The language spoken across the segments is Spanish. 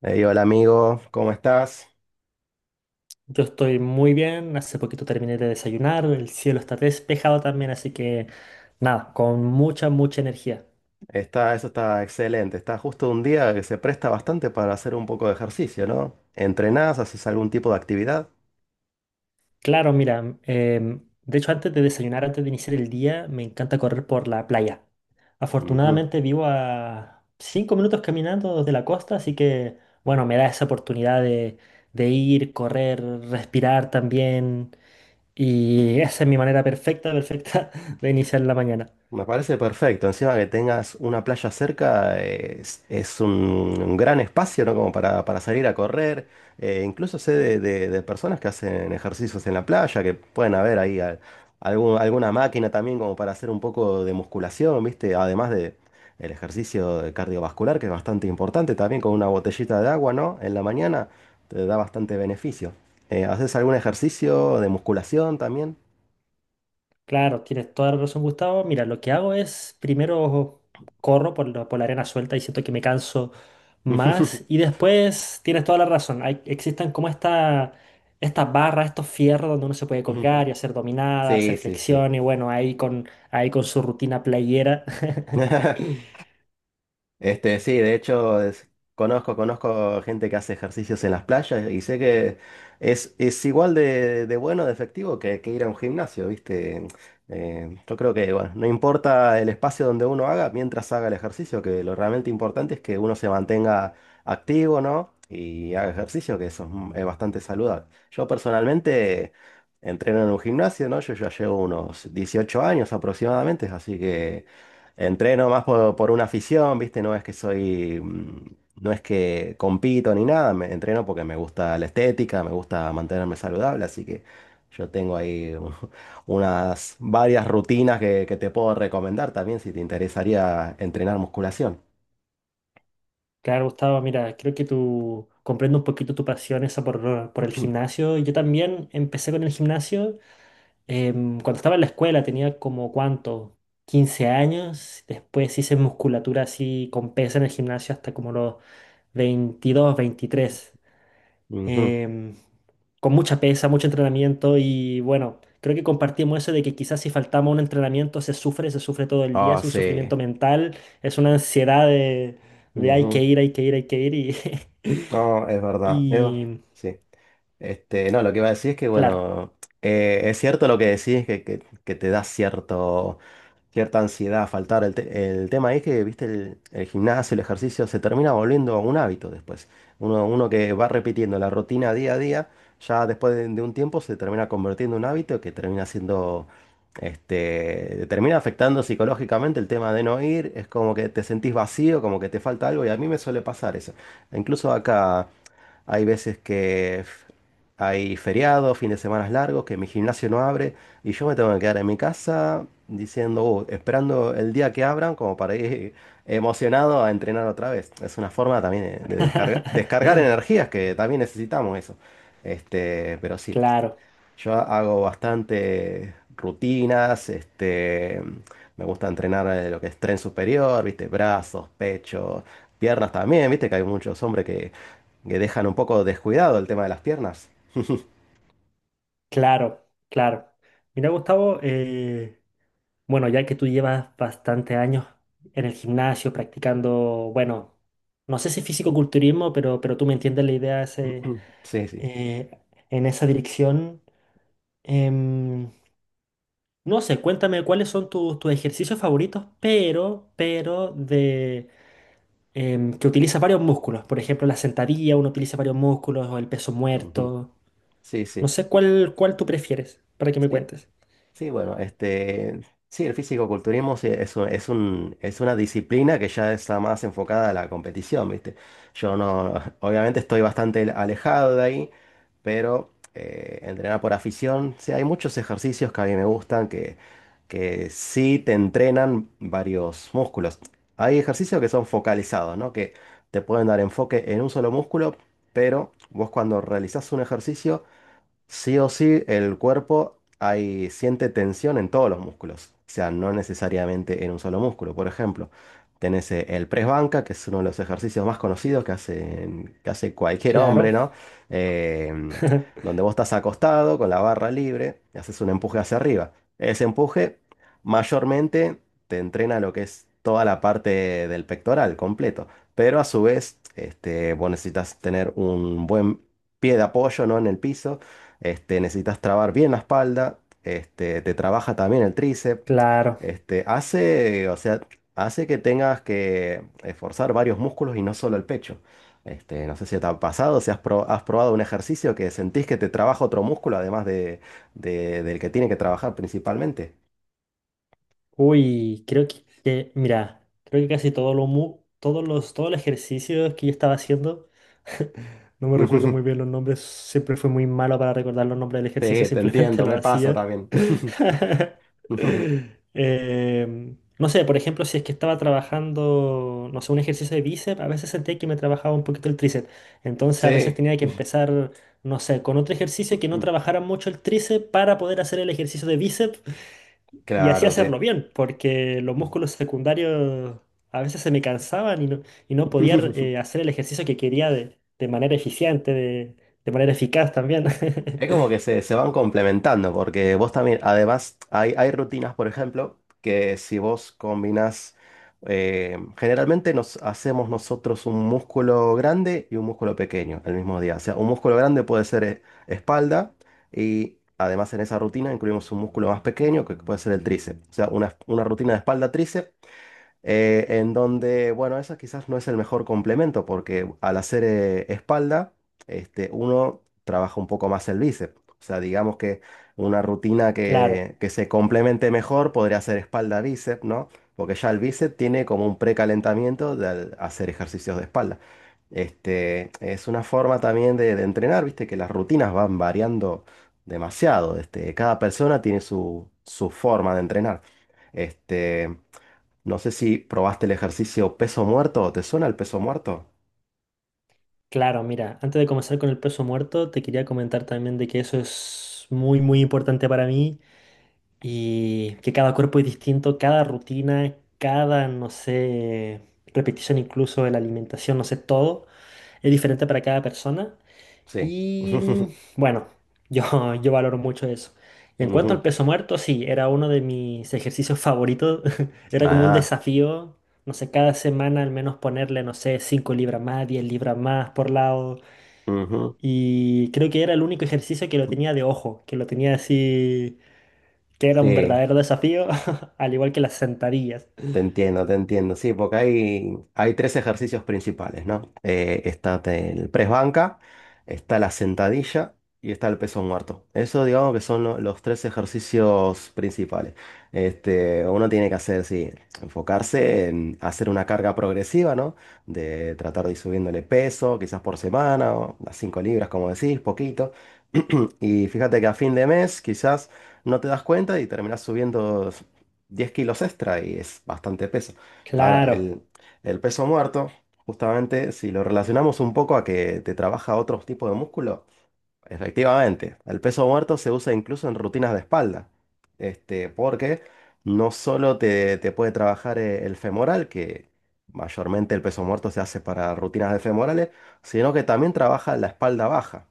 Ey, hola amigo, ¿cómo estás? Yo estoy muy bien, hace poquito terminé de desayunar, el cielo está despejado también, así que nada, con mucha, mucha energía. Eso está excelente. Está justo un día que se presta bastante para hacer un poco de ejercicio, ¿no? ¿Entrenás? ¿Haces algún tipo de actividad? Claro, mira, de hecho antes de desayunar, antes de iniciar el día, me encanta correr por la playa. Ujú. Afortunadamente vivo a 5 minutos caminando desde la costa, así que bueno, me da esa oportunidad de ir, correr, respirar también, y esa es mi manera perfecta, perfecta de iniciar la mañana. Me parece perfecto. Encima que tengas una playa cerca, es un gran espacio, ¿no? Como para salir a correr. Incluso sé de personas que hacen ejercicios en la playa, que pueden haber ahí alguna máquina también como para hacer un poco de musculación, ¿viste? Además de el ejercicio de cardiovascular, que es bastante importante, también con una botellita de agua, ¿no? En la mañana te da bastante beneficio. ¿Haces algún ejercicio de musculación también? Claro, tienes toda la razón, Gustavo. Mira, lo que hago es primero corro por la arena suelta y siento que me canso más. Y después tienes toda la razón. Hay, existen como estas barras, estos fierros donde uno se puede colgar y hacer dominadas, Sí, hacer sí, sí. flexiones. Y bueno, ahí con su rutina playera. Sí, de hecho, conozco, conozco gente que hace ejercicios en las playas y sé que es igual de bueno, de efectivo que ir a un gimnasio, ¿viste? Yo creo que, bueno, no importa el espacio donde uno haga, mientras haga el ejercicio, que lo realmente importante es que uno se mantenga activo, ¿no? Y haga ejercicio, que eso es, es bastante saludable. Yo personalmente entreno en un gimnasio, ¿no? Yo ya llevo unos 18 años aproximadamente, así que... Entreno más por una afición, ¿viste? No es que soy, no es que compito ni nada, me entreno porque me gusta la estética, me gusta mantenerme saludable, así que yo tengo ahí unas varias rutinas que te puedo recomendar también si te interesaría entrenar musculación. Claro, Gustavo, mira, creo que tú comprendo un poquito tu pasión esa por el gimnasio. Yo también empecé con el gimnasio. Cuando estaba en la escuela tenía como cuánto, 15 años, después hice musculatura así con pesa en el gimnasio hasta como los 22 23, Ujú. em, con mucha pesa, mucho entrenamiento y bueno, creo que compartimos eso de que quizás si faltamos un entrenamiento se sufre todo el día, Ah, es un sí. sufrimiento mental, es una ansiedad de hay que Ujú. ir, hay que ir, hay que ir y, No, es verdad. Y Sí. No, lo que iba a decir es que, claro, bueno, es cierto lo que decís, que te da cierto cierta ansiedad, faltar. El tema es que, viste, el gimnasio, el ejercicio, se termina volviendo un hábito después. Uno que va repitiendo la rutina día a día, ya después de un tiempo se termina convirtiendo en un hábito que termina siendo, termina afectando psicológicamente el tema de no ir. Es como que te sentís vacío, como que te falta algo y a mí me suele pasar eso. Incluso acá... Hay veces que hay feriados, fines de semana largos, que mi gimnasio no abre y yo me tengo que quedar en mi casa diciendo, esperando el día que abran como para ir emocionado a entrenar otra vez. Es una forma también de descargar, descargar energías que también necesitamos eso. Pero sí, claro. yo hago bastante rutinas, me gusta entrenar lo que es tren superior, ¿viste? Brazos, pecho, piernas también, ¿viste? Que hay muchos hombres que dejan un poco descuidado el tema de las piernas. Claro, claro. Mira, Gustavo, bueno, ya que tú llevas bastante años en el gimnasio practicando, bueno, no sé si físico-culturismo, pero tú me entiendes la idea ese, Sí, sí. eh, en esa dirección. Em, no sé, cuéntame cuáles son tus ejercicios favoritos, pero de que utilizas varios músculos. Por ejemplo, la sentadilla, uno utiliza varios músculos, o el peso Ujú. muerto. Sí, No sí. sé cuál tú prefieres para que me Sí. cuentes. Sí, bueno, sí, el físico-culturismo sí es una disciplina que ya está más enfocada a la competición, ¿viste? Yo no, obviamente estoy bastante alejado de ahí, pero entrenar por afición, sí, hay muchos ejercicios que a mí me gustan que sí te entrenan varios músculos. Hay ejercicios que son focalizados, ¿no? Que te pueden dar enfoque en un solo músculo, pero vos cuando realizás un ejercicio sí o sí, siente tensión en todos los músculos, o sea, no necesariamente en un solo músculo. Por ejemplo, tenés el press banca, que es uno de los ejercicios más conocidos que que hace cualquier hombre, Claro. ¿no? Eh, Donde vos estás acostado con la barra libre y haces un empuje hacia arriba. Ese empuje mayormente te entrena lo que es toda la parte del pectoral completo, pero a su vez, vos necesitas tener un buen pie de apoyo, ¿no? En el piso necesitas trabar bien la espalda, te trabaja también el tríceps, Claro. O sea, hace que tengas que esforzar varios músculos y no solo el pecho. No sé si te ha pasado, si has probado un ejercicio que sentís que te trabaja otro músculo además de, del que tiene que trabajar principalmente. Uy, creo mira, creo que casi todo todos los ejercicios que yo estaba haciendo, no me recuerdo muy bien los nombres, siempre fui muy malo para recordar los nombres del ejercicio, Sí, te simplemente entiendo, lo me pasa hacía. también. No sé, por ejemplo, si es que estaba trabajando, no sé, un ejercicio de bíceps, a veces sentía que me trabajaba un poquito el tríceps. Entonces a veces Sí, tenía que empezar, no sé, con otro ejercicio que no trabajara mucho el tríceps para poder hacer el ejercicio de bíceps. Y así claro, sí. hacerlo bien, porque los músculos secundarios a veces se me cansaban y no podía hacer el ejercicio que quería de, manera eficiente, de manera eficaz también. Es como que se van complementando, porque vos también, además, hay rutinas, por ejemplo, que si vos combinás, generalmente nos hacemos nosotros un músculo grande y un músculo pequeño el mismo día. O sea, un músculo grande puede ser espalda y además en esa rutina incluimos un músculo más pequeño que puede ser el tríceps. O sea, una rutina de espalda-tríceps en donde, bueno, eso quizás no es el mejor complemento porque al hacer espalda, uno trabaja un poco más el bíceps. O sea, digamos que una rutina Claro, que se complemente mejor podría ser espalda-bíceps, ¿no? Porque ya el bíceps tiene como un precalentamiento de al hacer ejercicios de espalda. Es una forma también de entrenar, viste, que las rutinas van variando demasiado. Cada persona tiene su, su forma de entrenar. Este, no sé si probaste el ejercicio peso muerto. ¿Te suena el peso muerto? claro, mira, antes de comenzar con el peso muerto, te quería comentar también de que eso es muy, muy importante para mí y que cada cuerpo es distinto, cada rutina, cada, no sé, repetición incluso de la alimentación, no sé, todo es diferente para cada persona. Sí. Y bueno, yo, yo valoro mucho eso. Y en cuanto al Ujú. peso muerto, sí, era uno de mis ejercicios favoritos. Era como un Ajá. desafío, no sé, cada semana al menos ponerle, no sé, 5 libras más, 10 libras más por lado. Ujú. Y creo que era el único ejercicio que lo tenía de ojo, que lo tenía así, que era un Sí. verdadero desafío, al igual que las sentadillas. Te entiendo, te entiendo. Sí, porque hay tres ejercicios principales, ¿no? Está el press banca, está la sentadilla y está el peso muerto. Eso, digamos que son los tres ejercicios principales. Uno tiene que hacer, sí, enfocarse en hacer una carga progresiva, ¿no? De tratar de ir subiéndole peso, quizás por semana, o las 5 libras, como decís, poquito. Y fíjate que a fin de mes, quizás no te das cuenta y terminás subiendo 10 kilos extra y es bastante peso. Ahora, Claro. El peso muerto, justamente si lo relacionamos un poco a que te trabaja otros tipos de músculo, efectivamente, el peso muerto se usa incluso en rutinas de espalda, porque no solo te puede trabajar el femoral, que mayormente el peso muerto se hace para rutinas de femorales, sino que también trabaja la espalda baja.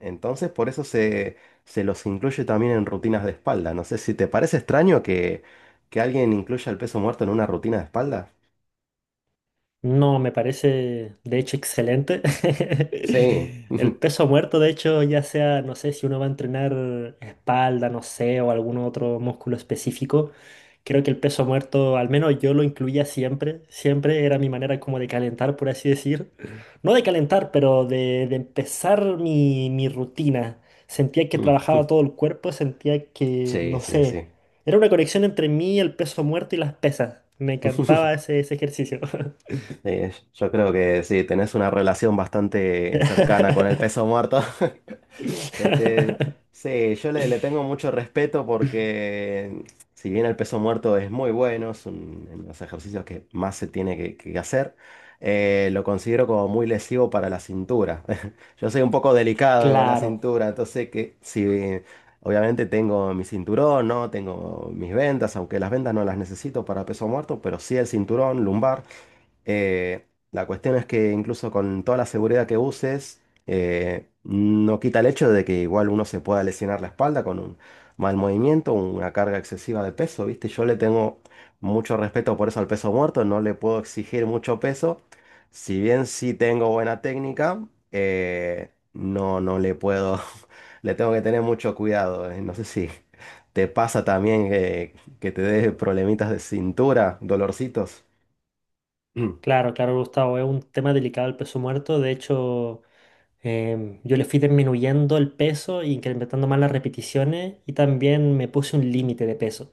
Entonces, por eso se los incluye también en rutinas de espalda. No sé si te parece extraño que alguien incluya el peso muerto en una rutina de espalda. No, me parece de hecho excelente. Sí. El peso muerto, de hecho, ya sea, no sé, si uno va a entrenar espalda, no sé, o algún otro músculo específico, creo que el peso muerto, al menos yo lo incluía siempre, siempre era mi manera como de calentar, por así decir. No de calentar, pero de empezar mi rutina. Sentía que Mm. trabajaba todo el cuerpo, sentía que, Sí, no sí, sé, sí. era una conexión entre mí, el peso muerto y las pesas. Me encantaba ese ejercicio. Sí, yo creo que sí, tenés una relación bastante cercana con el peso muerto. Este, sí, yo le tengo mucho respeto porque si bien el peso muerto es muy bueno, en los ejercicios que más se tiene que hacer, lo considero como muy lesivo para la cintura. Yo soy un poco delicado con la Claro, cintura, entonces que si obviamente tengo mi cinturón, ¿no? Tengo mis vendas, aunque las vendas no las necesito para peso muerto, pero sí el cinturón lumbar. Eh, la cuestión es que incluso con toda la seguridad que uses, no quita el hecho de que igual uno se pueda lesionar la espalda con un mal movimiento, una carga excesiva de peso, ¿viste? Yo le tengo mucho respeto por eso al peso muerto, no le puedo exigir mucho peso. Si bien sí tengo buena técnica, no le puedo, le tengo que tener mucho cuidado. No sé si te pasa también que te dé problemitas de cintura, dolorcitos. claro, claro, Gustavo. Es un tema delicado el peso muerto. De hecho, yo le fui disminuyendo el peso, y incrementando más las repeticiones y también me puse un límite de peso.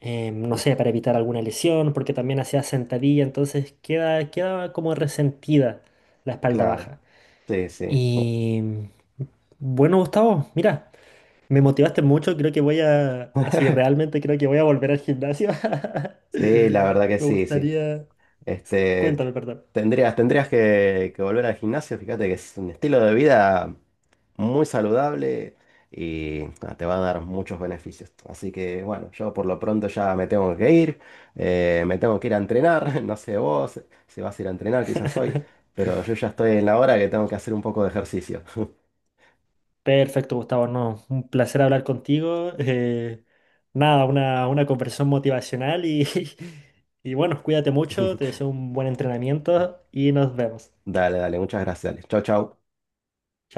No sé, para evitar alguna lesión, porque también hacía sentadilla, entonces queda como resentida la espalda Claro, baja. sí, sí. Oh, Y bueno, Gustavo, mira. Me motivaste mucho, creo que voy a, así realmente creo que voy a volver al gimnasio. sí, la verdad que Me sí, sí. gustaría... Este, Cuéntame, perdón. Tendrías que volver al gimnasio, fíjate que es un estilo de vida muy saludable y te va a dar muchos beneficios. Así que bueno, yo por lo pronto ya me tengo que ir, me tengo que ir a entrenar, no sé vos si vas a ir a entrenar, quizás hoy, pero yo ya estoy en la hora que tengo que hacer un poco de ejercicio. Perfecto, Gustavo, no, un placer hablar contigo. Nada, una conversación motivacional y, y bueno, cuídate mucho, te deseo un buen entrenamiento y nos vemos. Chao. Dale, dale, muchas gracias. Dale. Chau, chau.